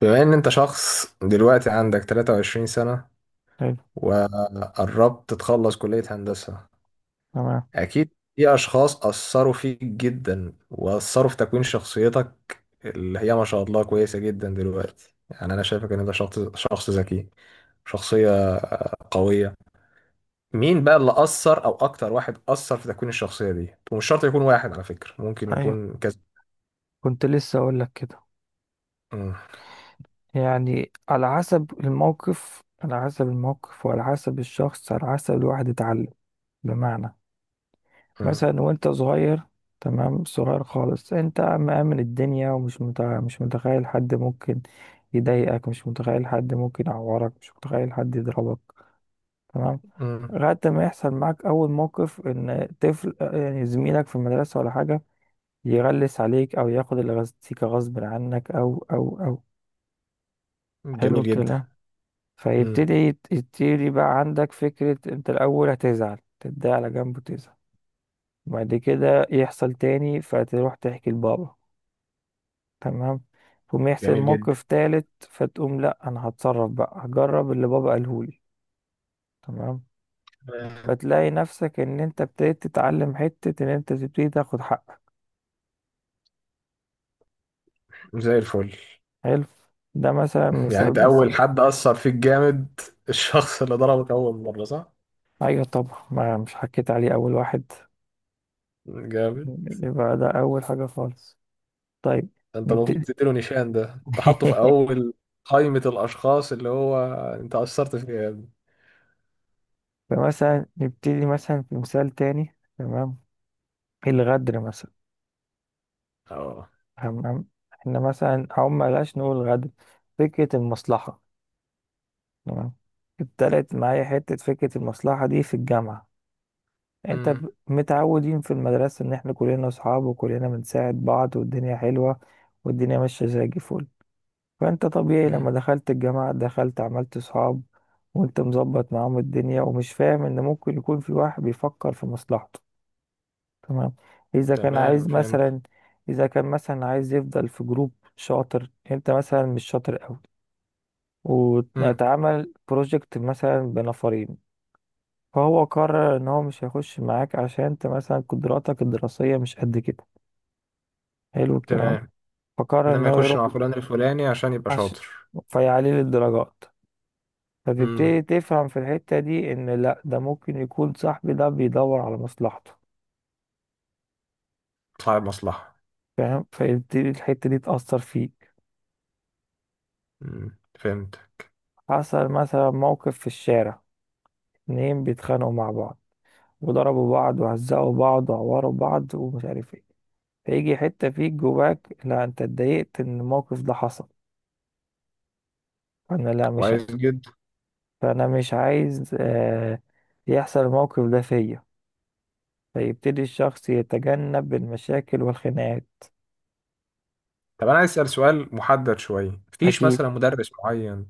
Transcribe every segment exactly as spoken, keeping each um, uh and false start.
بما ان انت شخص دلوقتي عندك 23 سنة، حلو. وقربت تخلص كلية هندسة، تمام. اكيد في اشخاص اثروا فيك جدا واثروا في تكوين شخصيتك اللي هي ما شاء الله كويسة جدا دلوقتي. يعني انا شايفك ان انت شخص شخص ذكي، شخصية قوية. مين بقى اللي اثر، او اكتر واحد اثر في تكوين الشخصية دي؟ ومش شرط يكون واحد على فكرة، ممكن ايوه، يكون كذا. كنت لسه اقول لك كده. مم. يعني على حسب الموقف، على حسب الموقف وعلى حسب الشخص، على حسب الواحد اتعلم. بمعنى، مم. مثلا وانت صغير، تمام، صغير خالص، انت مأمن الدنيا ومش مت... مش متخيل حد ممكن يضايقك، مش متخيل حد ممكن يعورك، مش متخيل حد يضربك. تمام. مم. لغاية ما يحصل معاك أول موقف إن طفل، يعني زميلك في المدرسة ولا حاجة، يغلس عليك او ياخد الغازيكا غصب عنك او او او. حلو جميل جدا. الكلام. مم. فيبتدي يت- يبتدي بقى عندك فكرة. انت الاول هتزعل، تتضايق على جنب وتزعل. بعد كده يحصل تاني، فتروح تحكي لبابا. تمام. تقوم يحصل جميل جدا. موقف تالت، فتقوم لا، انا هتصرف بقى، هجرب اللي بابا قالهولي. تمام. فتلاقي نفسك ان انت ابتديت تتعلم حتة ان انت تبتدي تاخد حقك. زي الفل. حلو. ده مثلا يعني مثال انت اول بسيط. حد اثر فيك جامد الشخص اللي ضربك اول مره، صح؟ ايوه طبعا، ما مش حكيت عليه اول واحد، جامد. يبقى ده أول حاجة خالص. طيب، انت المفروض نبتدي. تديله نيشان، ده انت حاطه في اول قائمه الاشخاص اللي هو انت اثرت فيه يا ابني. فمثلا نبتدي مثلا في مثال تاني، تمام؟ الغدر مثلا. اه. هم- هم- احنا مثلا أو ملاش نقول غدر، فكرة المصلحة. تمام. ابتدت معايا حتة فكرة المصلحة دي في الجامعة. انت امم. ب- متعودين في المدرسة ان احنا كلنا اصحاب وكلنا بنساعد بعض، والدنيا حلوة والدنيا ماشية زي الفل. فانت طبيعي لما امم. دخلت الجامعة، دخلت عملت صحاب وانت مظبط معاهم الدنيا، ومش فاهم ان ممكن يكون في واحد بيفكر في مصلحته. تمام؟ اذا كان تمام، عايز فهمت. مثلا، اذا كان مثلا عايز يفضل في جروب شاطر، انت مثلا مش شاطر قوي، امم. واتعمل بروجكت مثلا بنفرين، فهو قرر ان هو مش هيخش معاك عشان انت مثلا قدراتك الدراسية مش قد كده. حلو الكلام. تمام، فقرر ان انما هو يخش يروح، مع فلان الفلاني عشان يبقى عش... شاطر. فيعلي الدرجات. امم. فتبتدي تفهم في الحتة دي ان لا، ده ممكن يكون صاحبي ده بيدور على مصلحته، صاحب مصلحه. فاهم؟ فيبتدي الحتة دي تأثر فيك. امم، فهمت. حصل مثلا موقف في الشارع، اتنين بيتخانقوا مع بعض، وضربوا بعض وهزقوا بعض وعوروا بعض ومش عارف ايه. فيجي حتة فيك جواك لا، انت اتضايقت ان الموقف ده حصل، فانا لا، مش ع- كويس جدا. فانا مش عايز آه يحصل الموقف ده فيا. فيبتدي الشخص يتجنب المشاكل والخناقات. طب انا عايز اسال سؤال محدد شويه، مفيش اكيد مثلا مدرس معين،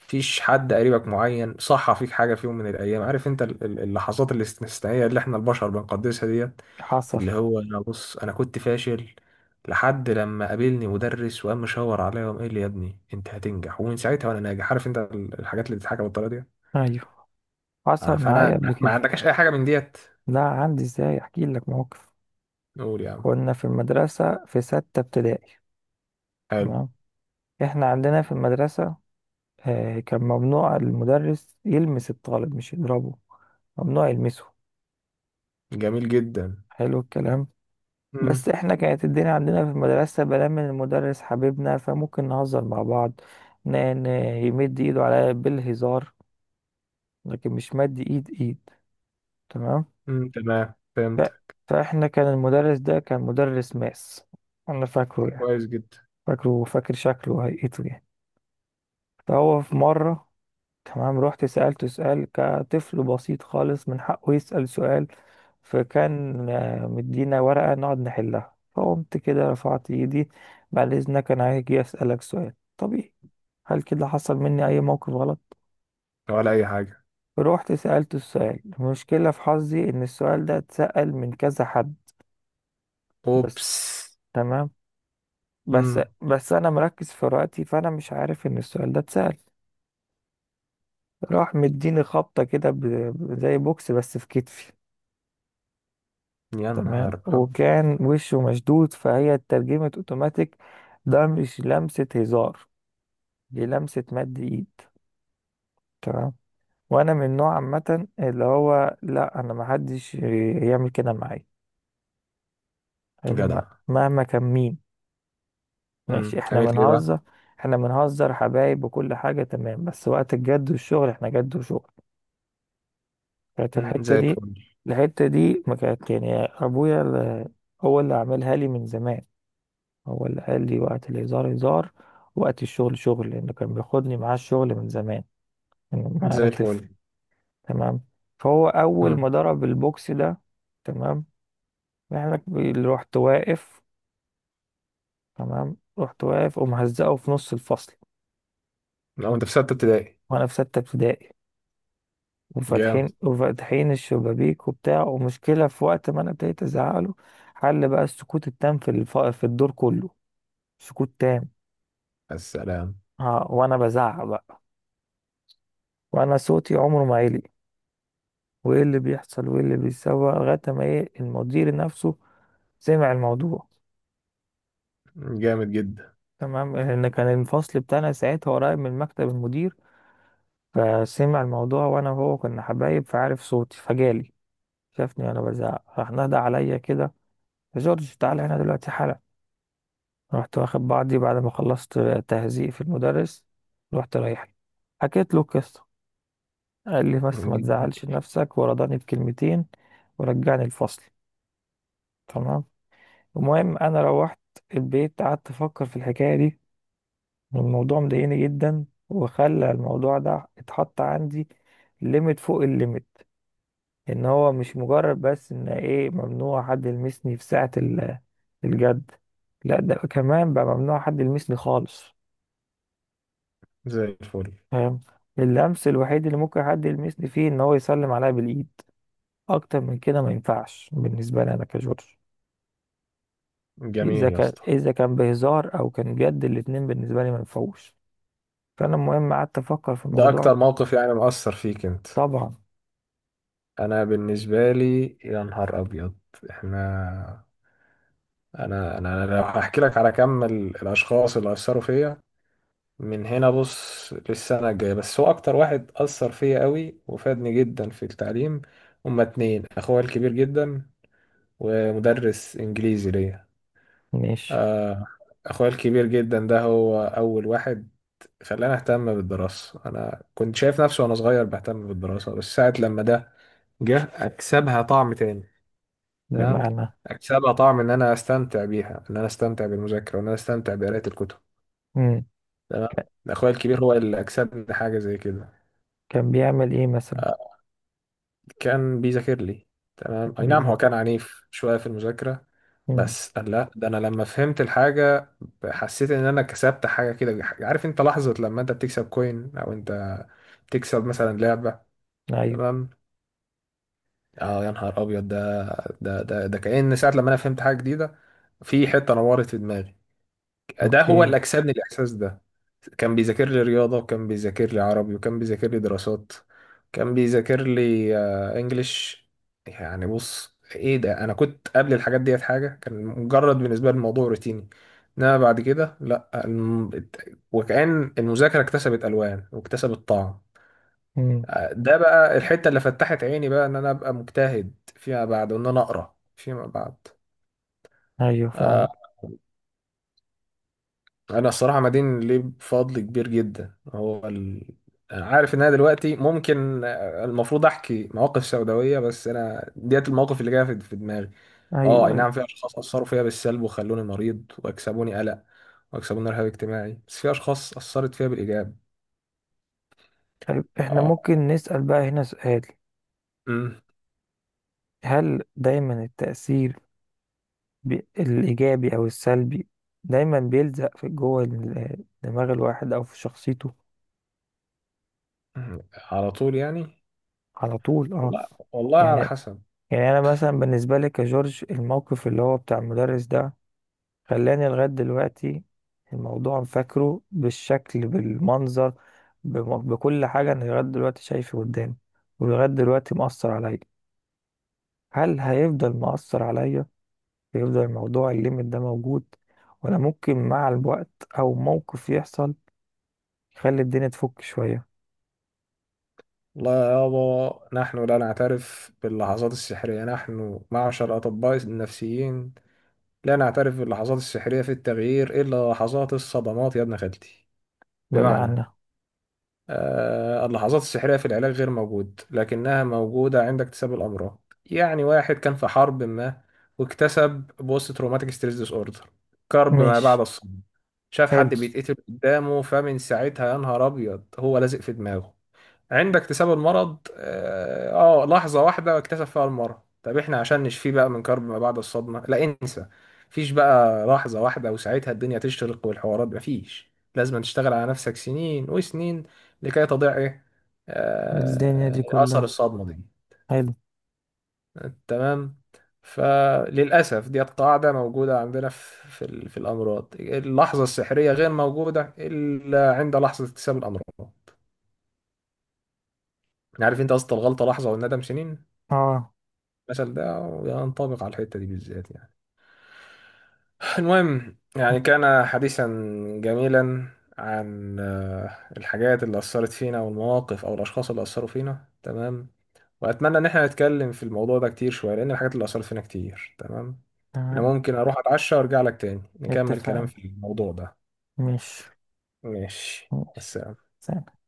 مفيش حد قريبك معين صح فيك حاجه في يوم من الايام؟ عارف انت ال- ال- اللحظات الاستثنائيه اللي احنا البشر بنقدسها ديت، حصل. اللي هو: انا بص انا كنت فاشل لحد لما قابلني مدرس وقام مشاور عليا وقام قال لي يا ابني انت هتنجح، ومن ساعتها وانا ناجح. عارف انت ال- الحاجات اللي بتتحكى بالطريقه دي؟ ايوه آه، حصل فانا معايا قبل ما ما كده. عندكش اي حاجه من ديت. لا عندي، ازاي؟ احكي لك موقف. قول يا عم. كنا في المدرسة في ستة ابتدائي. حلو. تمام. احنا عندنا في المدرسة آه، كان ممنوع المدرس يلمس الطالب، مش يضربه، ممنوع يلمسه. جميل جدا. حلو الكلام. امم. بس احنا كانت الدنيا عندنا في المدرسة بلا من المدرس حبيبنا، فممكن نهزر مع بعض. ن- ن- يمد ايده عليا بالهزار، لكن مش مد ايد ايد. تمام. تمام، ف- فهمت. فاحنا كان المدرس ده كان مدرس ماس، انا فاكره يعني، كويس جدا. فاكره، فاكر شكله وهيئته يعني. فهو في مرة، تمام، رحت سألته سؤال كطفل بسيط خالص من حقه يسأل سؤال. فكان آه، مدينا ورقة نقعد نحلها، فقمت كده رفعت ايدي، بعد اذنك انا هاجي اسألك سؤال طبيعي. هل كده حصل مني اي موقف غلط؟ ولا اي حاجه. رحت سألته السؤال. المشكلة في حظي ان السؤال ده اتسأل من كذا حد بس. اوبس. تمام. بس امم. بس انا مركز في وقتي، فانا مش عارف ان السؤال ده اتسأل. راح مديني خبطة كده، ب- ب- زي بوكس بس في كتفي. يا تمام. نهار أب... وكان وشه مشدود، فهي اترجمت اوتوماتيك، ده مش لمسة هزار، دي لمسة مد ايد. تمام. وانا من نوع عامة اللي هو لا، انا محدش يعمل كده معايا. حلو، م- جدع. مهما كان مين. ماشي، امم، احنا عملت ايه بنهزر، بقى؟ احنا بنهزر حبايب وكل حاجة، تمام، بس وقت الجد والشغل، احنا جد وشغل. كانت امم، الحتة زي دي، الفل. الحتة دي ما كانت يعني أبويا ال- هو اللي عملها لي من زمان، هو اللي قال لي وقت الهزار هزار، وقت الشغل شغل، لأنه كان بياخدني معاه الشغل من زمان، من ما أنا زي طفل. الفل. تمام. فهو أول امم. ما ضرب البوكس ده، تمام، يعني اللي رحت واقف، تمام، رحت واقف ومهزقه في نص الفصل، لو انت في ستة ابتدائي. وأنا في ستة ابتدائي، جامد. وفاتحين وفاتحين الشبابيك وبتاع ومشكلة، في وقت ما انا ابتديت ازعق له حل بقى السكوت التام في الف... في الدور كله، سكوت تام. السلام. ها، وانا بزعق بقى، وانا صوتي عمره ما عالي، وايه اللي بيحصل وايه اللي بيتسوى، لغاية ما ايه، المدير نفسه سمع الموضوع. جامد جدا. تمام، لان كان الفصل بتاعنا ساعتها قريب من مكتب المدير، فسمع الموضوع، وانا وهو كنا حبايب فعارف صوتي، فجالي، شافني وانا بزعق، راح نادى عليا كده، يا جورج تعالى هنا دلوقتي حالا. رحت واخد بعضي بعد ما خلصت تهزيء في المدرس، رحت رايح له. حكيت له القصة، قال لي بس ما جميل. تزعلش نفسك، ورضاني بكلمتين ورجعني الفصل. تمام. المهم انا روحت البيت، قعدت افكر في الحكاية دي، والموضوع مضايقني جدا، وخلى الموضوع ده اتحط عندي ليميت فوق الليميت، ان هو مش مجرد بس ان ايه، ممنوع حد يلمسني في ساعة ال- الجد، لا، ده كمان بقى ممنوع حد يلمسني خالص، زي الفل. فاهم؟ اللمس الوحيد اللي ممكن حد يلمسني فيه ان هو يسلم عليا بالايد، اكتر من كده ما ينفعش بالنسبه لي انا كجورج. اذا جميل يا كان اسطى. اذا كان بهزار او كان جد، الاتنين بالنسبه لي ما ينفعوش. فانا المهم قعدت افكر في ده اكتر الموضوع. موقف يعني مؤثر فيك انت؟ طبعا. انا بالنسبة لي، يا نهار ابيض! احنا، انا انا أنا لو هحكي لك على كم ال- الاشخاص اللي اثروا فيا من هنا بص للسنة الجاية. بس هو أكتر واحد أثر فيا قوي وفادني جدا في التعليم، هما اتنين: أخويا الكبير جدا، ومدرس إنجليزي ليا. ماشي. آه، أخويا الكبير جدا ده هو أول واحد خلاني أهتم بالدراسة. أنا كنت شايف نفسي وأنا صغير بهتم بالدراسة، بس ساعة لما ده جه أكسبها طعم تاني. تمام، بمعنى. أكسبها طعم إن أنا أستمتع بيها، إن أنا أستمتع بالمذاكرة، وإن أنا أستمتع بقراءة الكتب. مم. تمام. ك- أخويا الكبير هو اللي أكسبني حاجة زي كده. كان بيعمل ايه مثلا؟ آه، كان بيذاكر لي. كان تمام، اي نعم، هو بيذاكر. كان عنيف شوية في المذاكرة. مم. بس قال لا، ده انا لما فهمت الحاجة حسيت ان انا كسبت حاجة كده. عارف انت لحظة لما انت بتكسب كوين او انت بتكسب مثلا لعبة؟ ايوه. تمام. اه يا نهار ابيض، ده ده ده ده كأن ساعة لما انا فهمت حاجة جديدة، في حتة نورت في دماغي. ده هو اوكي. اللي أكسبني الإحساس ده. كان بيذاكر لي رياضة، وكان بيذاكر لي عربي، وكان بيذاكر لي دراسات، كان بيذاكر لي آه، إنجليش. يعني بص إيه ده، أنا كنت قبل الحاجات ديت حاجة كان مجرد بالنسبة لي الموضوع روتيني، إنما بعد كده لأ. الم- وكأن المذاكرة اكتسبت ألوان واكتسبت طعم. مم. آه، ده بقى الحتة اللي فتحت عيني بقى إن أنا أبقى مجتهد فيما بعد، وإن أنا أقرأ فيما بعد. ايوه فاهم. آه، انا الصراحه مدين ليه بفضل كبير جدا. هو ال... أنا عارف ان انا دلوقتي ممكن آه، المفروض احكي مواقف سوداويه، بس انا ديت المواقف اللي جايه في في دماغي. اه، اي ايوه، ايوه. نعم، في اشخاص اثروا فيا بالسلب وخلوني مريض واكسبوني قلق واكسبوني رهاب اجتماعي، بس في اشخاص اثرت فيا بالايجاب. طيب، احنا اه. ممكن نسال بقى هنا سؤال، أمم. هل دايما التاثير بي- الإيجابي أو السلبي دايما بيلزق في جوه ال- دماغ الواحد أو في شخصيته؟ على طول يعني؟ على طول اه؟ لا والله، على يعني، حسب. يعني أنا مثلا بالنسبة لي كجورج، الموقف اللي هو بتاع المدرس ده، خلاني لغاية دلوقتي الموضوع فاكره بالشكل، بالمنظر، بم- بكل حاجة، أنا لغاية دلوقتي شايفه قدامي، ولغاية دلوقتي مؤثر عليا. هل هيفضل مؤثر عليا، هيفضل الموضوع الليميت ده موجود، ولا ممكن مع الوقت أو موقف يحصل خلي الدنيا تفك شوية؟ لا يابا، نحن لا نعترف باللحظات السحرية، نحن معشر أطباء النفسيين لا نعترف باللحظات السحرية في التغيير، إلا لحظات الصدمات يا ابن خالتي. بمعنى؟ بمعنى. آه، اللحظات السحرية في العلاج غير موجود، لكنها موجودة عند اكتساب الأمراض. يعني واحد كان في حرب ما واكتسب بوست تروماتيك ستريس ديس أوردر، كرب ما بعد ماشي. الصدمة، شاف حلو. حد بيتقتل قدامه، فمن ساعتها يا نهار أبيض هو لازق في دماغه. عند اكتساب المرض اه آه، لحظة واحدة اكتسب فيها المرض. طب احنا عشان نشفيه بقى من كرب ما بعد الصدمة، لا انسى، مفيش بقى لحظة واحدة وساعتها الدنيا تشتغل والحوارات. مفيش، لازم تشتغل على نفسك سنين وسنين لكي تضيع ايه؟ الدنيا دي آه، اثر كلها. الصدمة دي. حلو. تمام. فللأسف ديت قاعدة موجودة عندنا في في ال- في الأمراض: اللحظة السحرية غير موجودة إلا عند لحظة اكتساب الأمراض. يعني عارف انت قصة الغلطة لحظة والندم سنين؟ اه. المثل ده ينطبق على الحتة دي بالذات. يعني المهم، يعني مم. كان حديثا جميلا عن آه، الحاجات اللي أثرت فينا والمواقف أو الأشخاص اللي أثروا فينا. تمام، وأتمنى إن احنا نتكلم في الموضوع ده كتير شوية، لأن الحاجات اللي أثرت فينا كتير. تمام، أنا تمام. ممكن أروح أتعشى وأرجع لك تاني نكمل كلام اتفقنا. في الموضوع ده. ماشي. ماشي. ماشي. بس سلام.